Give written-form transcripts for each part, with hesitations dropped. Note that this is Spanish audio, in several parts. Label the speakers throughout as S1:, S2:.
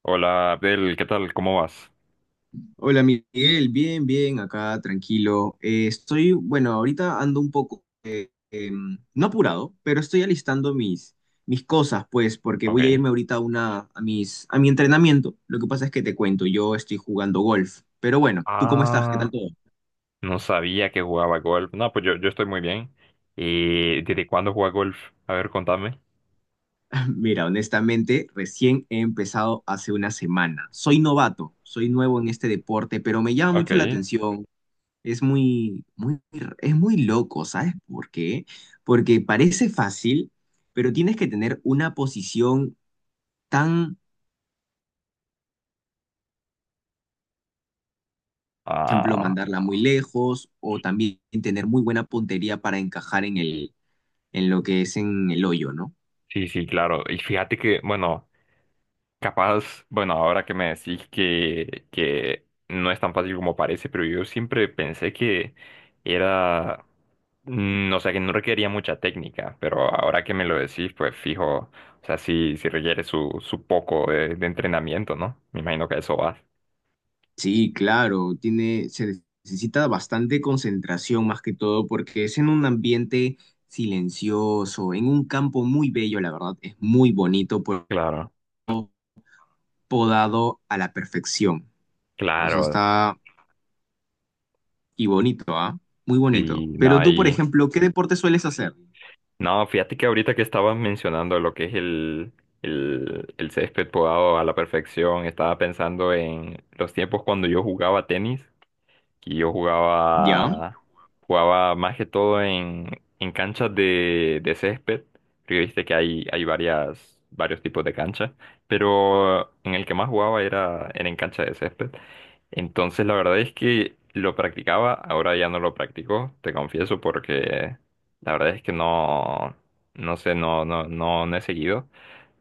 S1: Hola Abdel, ¿qué tal? ¿Cómo vas?
S2: Hola Miguel, bien, bien, acá tranquilo. Estoy, bueno, ahorita ando un poco, no apurado, pero estoy alistando mis cosas, pues, porque voy a
S1: Ok.
S2: irme ahorita a, una, a, mis, a mi entrenamiento. Lo que pasa es que te cuento, yo estoy jugando golf, pero bueno, ¿tú cómo estás? ¿Qué tal
S1: Ah,
S2: todo?
S1: no sabía que jugaba golf. No, pues yo estoy muy bien. ¿Y desde cuándo juega golf? A ver, contame.
S2: Mira, honestamente, recién he empezado hace una semana. Soy novato, soy nuevo en este deporte, pero me llama
S1: Ok.
S2: mucho la atención. Es muy, es muy loco, ¿sabes por qué? Porque parece fácil, pero tienes que tener una posición tan, por ejemplo,
S1: Ah,
S2: mandarla muy lejos o también tener muy buena puntería para encajar en lo que es en el hoyo, ¿no?
S1: sí, sí, claro. Y fíjate que, bueno. Capaz, bueno, ahora que me decís que no es tan fácil como parece, pero yo siempre pensé que era, o sea, que no requería mucha técnica, pero ahora que me lo decís, pues fijo, o sea, sí, sí requiere su poco de entrenamiento, ¿no? Me imagino que a eso vas.
S2: Sí, claro, tiene, se necesita bastante concentración más que todo porque es en un ambiente silencioso, en un campo muy bello, la verdad, es muy bonito, pues,
S1: Claro,
S2: podado a la perfección. O sea,
S1: claro,
S2: está. Y bonito, ¿ah? Muy
S1: sí,
S2: bonito. Pero
S1: no,
S2: tú, por ejemplo, ¿qué deporte sueles hacer?
S1: no, fíjate que ahorita que estabas mencionando lo que es el césped podado a la perfección, estaba pensando en los tiempos cuando yo jugaba tenis. Y yo
S2: ¿Ya?
S1: jugaba más que todo en canchas de césped, porque viste que hay varios tipos de canchas, pero en el que más jugaba era en cancha de césped. Entonces la verdad es que lo practicaba, ahora ya no lo practico, te confieso, porque la verdad es que no, no sé, no, no, no, no he seguido.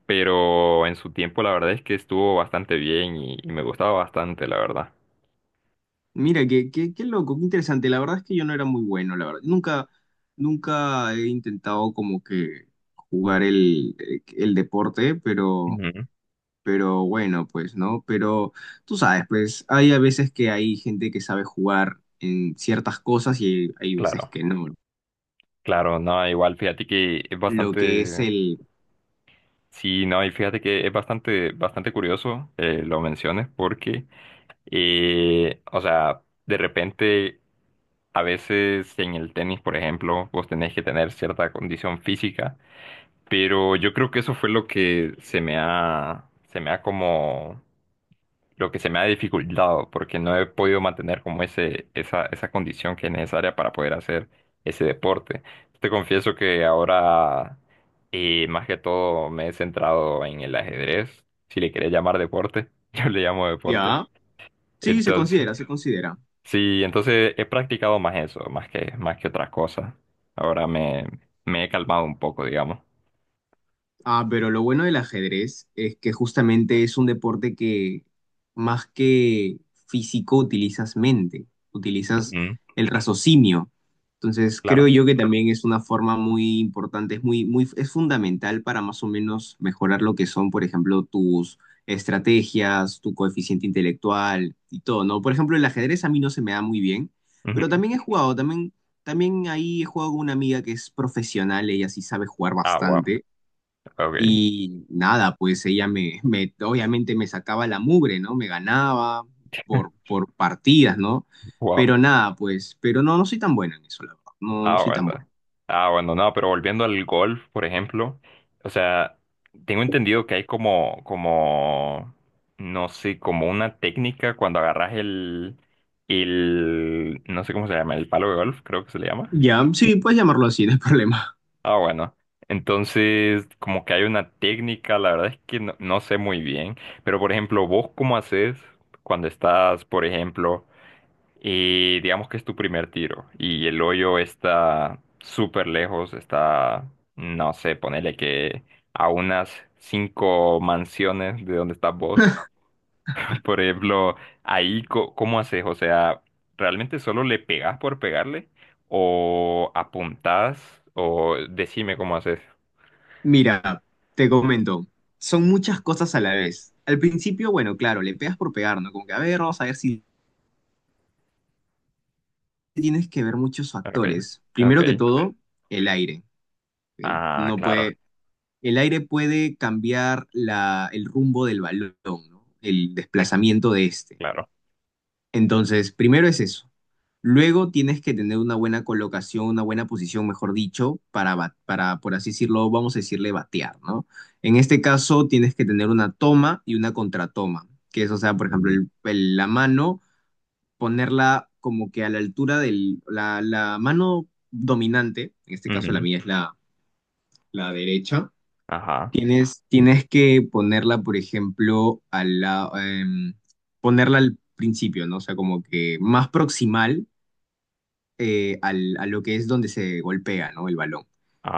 S1: Pero en su tiempo la verdad es que estuvo bastante bien y me gustaba bastante, la verdad.
S2: Mira, qué, qué, qué loco, qué interesante. La verdad es que yo no era muy bueno, la verdad. Nunca he intentado como que jugar el deporte,
S1: Ujú.
S2: pero bueno, pues, ¿no? Pero tú sabes, pues, hay a veces que hay gente que sabe jugar en ciertas cosas y hay veces
S1: Claro.
S2: que no.
S1: Claro, no, igual fíjate que es
S2: Lo que es
S1: bastante,
S2: el...
S1: sí, no, y fíjate que es bastante, bastante curioso lo menciones porque, o sea, de repente, a veces en el tenis, por ejemplo, vos tenés que tener cierta condición física, pero yo creo que eso fue lo que se me ha como lo que se me ha dificultado porque no he podido mantener como esa condición que es necesaria para poder hacer ese deporte. Te confieso que ahora más que todo me he centrado en el ajedrez, si le querés llamar deporte, yo le llamo deporte.
S2: ¿Ya? Sí, se
S1: Entonces,
S2: considera, se considera.
S1: sí, entonces he practicado más eso, más que otras cosas. Ahora me he calmado un poco, digamos.
S2: Ah, pero lo bueno del ajedrez es que justamente es un deporte que más que físico utilizas mente, utilizas
S1: Ujú.
S2: el raciocinio. Entonces
S1: Claro.
S2: creo yo que también es una forma muy importante, es muy, muy, es fundamental para más o menos mejorar lo que son, por ejemplo, tus estrategias, tu coeficiente intelectual y todo, ¿no? Por ejemplo, el ajedrez a mí no se me da muy bien, pero
S1: Ujú.
S2: también he también ahí he jugado con una amiga que es profesional, ella sí sabe jugar
S1: Ah, wow.
S2: bastante.
S1: Ok.
S2: Y nada, pues ella me, me- obviamente me sacaba la mugre, ¿no? Me ganaba por partidas, ¿no?
S1: Wow.
S2: Pero nada, pues, pero no, no soy tan bueno en eso, la verdad. No, no
S1: Ah,
S2: soy tan bueno.
S1: bueno. Ah, bueno, no, pero volviendo al golf, por ejemplo, o sea, tengo entendido que hay no sé, como una técnica cuando agarras el, no sé cómo se llama, el palo de golf, creo que se le llama.
S2: Ya, sí, puedes llamarlo así, no hay problema.
S1: Ah, bueno. Entonces, como que hay una técnica, la verdad es que no, no sé muy bien, pero por ejemplo, vos cómo haces cuando estás, por ejemplo, y digamos que es tu primer tiro y el hoyo está súper lejos, no sé, ponele que a unas cinco mansiones de donde estás vos. Por ejemplo, ahí, ¿cómo haces? O sea, ¿realmente solo le pegas por pegarle? ¿O apuntás? ¿O decime cómo haces?
S2: Mira, te comento, son muchas cosas a la vez. Al principio, bueno, claro, le pegas por pegar, ¿no? Como que, a ver, vamos a ver si tienes que ver muchos
S1: Ok,
S2: factores. Primero que
S1: ok.
S2: todo, el aire, ¿ok?
S1: Ah,
S2: No
S1: claro,
S2: puede, el aire puede cambiar la, el rumbo del balón, ¿no? El
S1: eh,
S2: desplazamiento de este.
S1: claro.
S2: Entonces, primero es eso. Luego tienes que tener una buena colocación, una buena posición, mejor dicho, para, ba- para, por así decirlo, vamos a decirle batear, ¿no? En este caso tienes que tener una toma y una contratoma, que es, o sea, por ejemplo,
S1: Mm,
S2: el- la mano, ponerla como que a la altura del, la mano dominante, en este caso la
S1: ujú,
S2: mía es la, la derecha.
S1: ajá.
S2: Tienes que ponerla, por ejemplo, a la, em, ponerla al principio, ¿no? O sea, como que más proximal al- a lo que es donde se golpea, ¿no? El balón.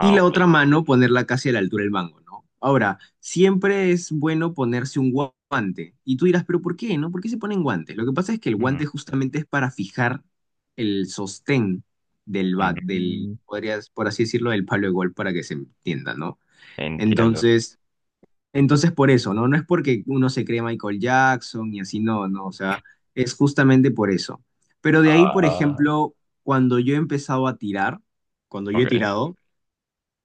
S2: Y la
S1: ok.
S2: otra mano, ponerla casi a la altura del mango, ¿no? Ahora, siempre es bueno ponerse un gua- guante. Y tú dirás, ¿pero por qué, no? ¿Por qué se ponen guantes? Lo que pasa es que el guante
S1: Ujú,
S2: justamente es para fijar el sostén del bat, del,
S1: ujú.
S2: podrías, por así decirlo, del palo de gol para que se entienda, ¿no?
S1: Entiendo.
S2: Entonces... Entonces, por eso, ¿no? No es porque uno se cree Michael Jackson y así, no, no, o sea, es justamente por eso. Pero de ahí, por
S1: Ah,
S2: ejemplo, cuando yo he empezado a tirar, cuando yo he
S1: ok.
S2: tirado,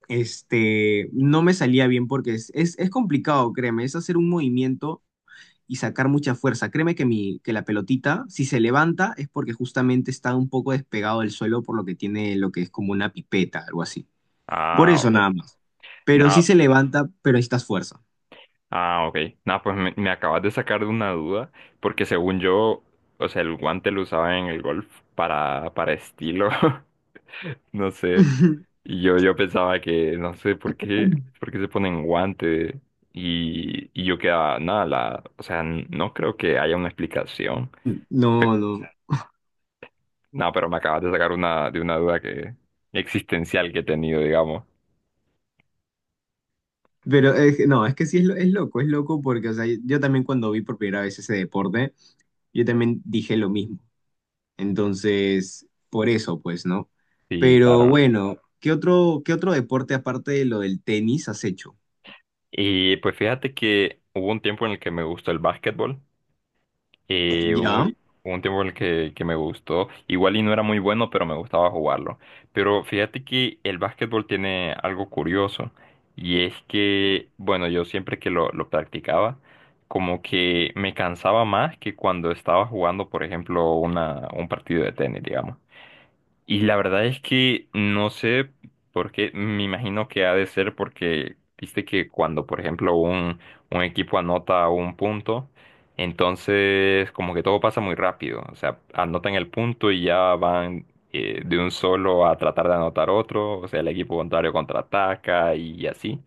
S2: este, no me salía bien porque es, es complicado, créeme, es hacer un movimiento y sacar mucha fuerza. Créeme que, mi, que la pelotita, si se levanta, es porque justamente está un poco despegado del suelo por lo que tiene lo que es como una pipeta, algo así. Por
S1: Ah,
S2: eso
S1: ok.
S2: nada más. Pero sí
S1: Nada,
S2: se levanta, pero necesitas fuerza.
S1: ah, ok. Nah, pues me acabas de sacar de una duda, porque según yo, o sea, el guante lo usaba en el golf para estilo, no sé. Y yo pensaba que, no sé, ¿por qué se ponen guante? Y yo quedaba, nada, o sea, no creo que haya una explicación.
S2: No, no.
S1: Nada, pero me acabas de sacar de una duda que, existencial que he tenido, digamos.
S2: Pero es, que- no, es que sí es, lo- es loco porque, o sea, yo también cuando vi por primera vez ese deporte, yo también dije lo mismo. Entonces, por eso, pues, ¿no?
S1: Sí,
S2: Pero
S1: claro.
S2: bueno, qué otro deporte aparte de lo del tenis has hecho?
S1: Y pues fíjate que hubo un tiempo en el que me gustó el básquetbol, eh, hubo
S2: ¿Ya?
S1: un, hubo un tiempo en el que me gustó, igual y no era muy bueno, pero me gustaba jugarlo. Pero fíjate que el básquetbol tiene algo curioso, y es que, bueno, yo siempre que lo practicaba, como que me cansaba más que cuando estaba jugando, por ejemplo, un partido de tenis, digamos. Y la verdad es que no sé por qué, me imagino que ha de ser porque, viste que cuando, por ejemplo, un equipo anota un punto, entonces como que todo pasa muy rápido, o sea, anotan el punto y ya van de un solo a tratar de anotar otro, o sea, el equipo contrario contraataca y así.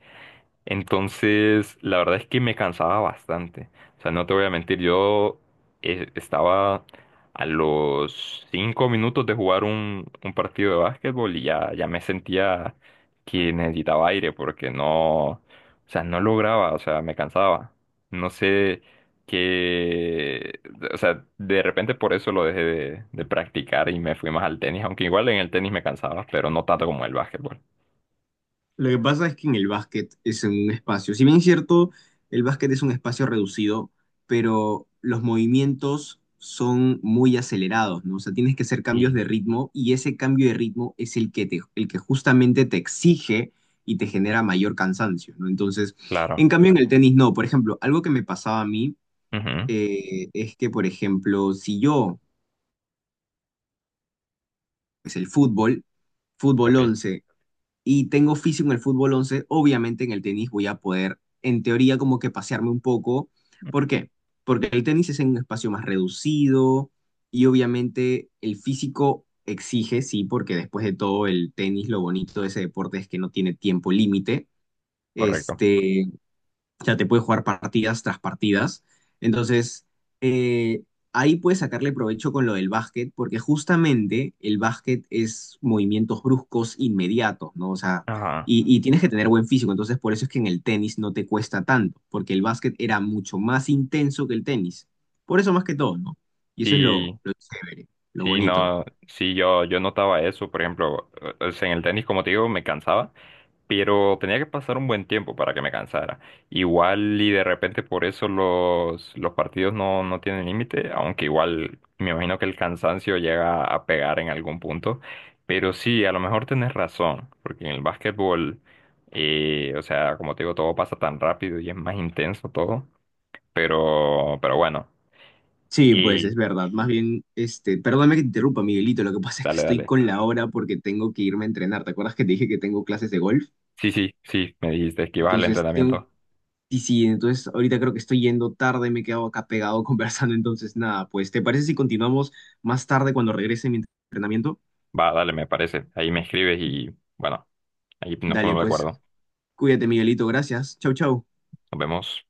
S1: Entonces, la verdad es que me cansaba bastante. O sea, no te voy a mentir, yo estaba a los 5 minutos de jugar un partido de básquetbol y ya, ya me sentía que necesitaba aire porque no, o sea, no lograba, o sea, me cansaba. No sé qué, o sea, de repente por eso lo dejé de practicar y me fui más al tenis, aunque igual en el tenis me cansaba, pero no tanto como el básquetbol.
S2: Lo que pasa es que en el básquet es en un espacio. Si bien es cierto, el básquet es un espacio reducido, pero los movimientos son muy acelerados, ¿no? O sea, tienes que hacer cambios
S1: Y
S2: de ritmo y ese cambio de ritmo es el que te, el que justamente te exige y te genera mayor cansancio, ¿no? Entonces,
S1: Claro.
S2: en cambio en el tenis no. Por ejemplo, algo que me pasaba a mí
S1: Ujú.
S2: es que, por ejemplo, si yo, es el fútbol, fútbol
S1: Ok.
S2: once y tengo físico en el fútbol once, obviamente en el tenis voy a poder, en teoría, como que pasearme un poco. ¿Por qué? Porque el tenis es en un espacio más reducido y obviamente el físico exige, sí, porque después de todo el tenis, lo bonito de ese deporte es que no tiene tiempo límite.
S1: Correcto.
S2: Este, o sea, te puede jugar partidas tras partidas. Entonces, eh, ahí puedes sacarle provecho con lo del básquet, porque justamente el básquet es movimientos bruscos inmediatos, ¿no? O sea,
S1: Ajá.
S2: y tienes que tener buen físico. Entonces, por eso es que en el tenis no te cuesta tanto, porque el básquet era mucho más intenso que el tenis. Por eso más que todo, ¿no? Y eso es
S1: Sí,
S2: lo chévere, lo
S1: sí,
S2: bonito.
S1: no, sí, yo notaba eso, por ejemplo, o sea, en el tenis, como te digo, me cansaba, pero tenía que pasar un buen tiempo para que me cansara. Igual y de repente por eso los partidos no, no tienen límite, aunque igual me imagino que el cansancio llega a pegar en algún punto, pero sí, a lo mejor tenés razón, porque en el básquetbol, o sea, como te digo, todo pasa tan rápido y es más intenso todo, pero bueno,
S2: Sí, pues es
S1: y
S2: verdad. Más bien, este, perdóname que te interrumpa, Miguelito. Lo que pasa es que
S1: dale,
S2: estoy
S1: dale.
S2: con la hora porque tengo que irme a entrenar. ¿Te acuerdas que te dije que tengo clases de golf?
S1: Sí, sí, sí, me dijiste que ibas al
S2: Entonces, tengo,
S1: entrenamiento.
S2: y sí, entonces ahorita creo que estoy yendo tarde, me he quedado acá pegado conversando. Entonces, nada, pues, ¿te parece si continuamos más tarde cuando regrese mi entrenamiento?
S1: Va, dale, me parece. Ahí me escribes y bueno, ahí nos
S2: Dale,
S1: ponemos de
S2: pues,
S1: acuerdo.
S2: cuídate, Miguelito. Gracias. Chau, chau.
S1: Nos vemos.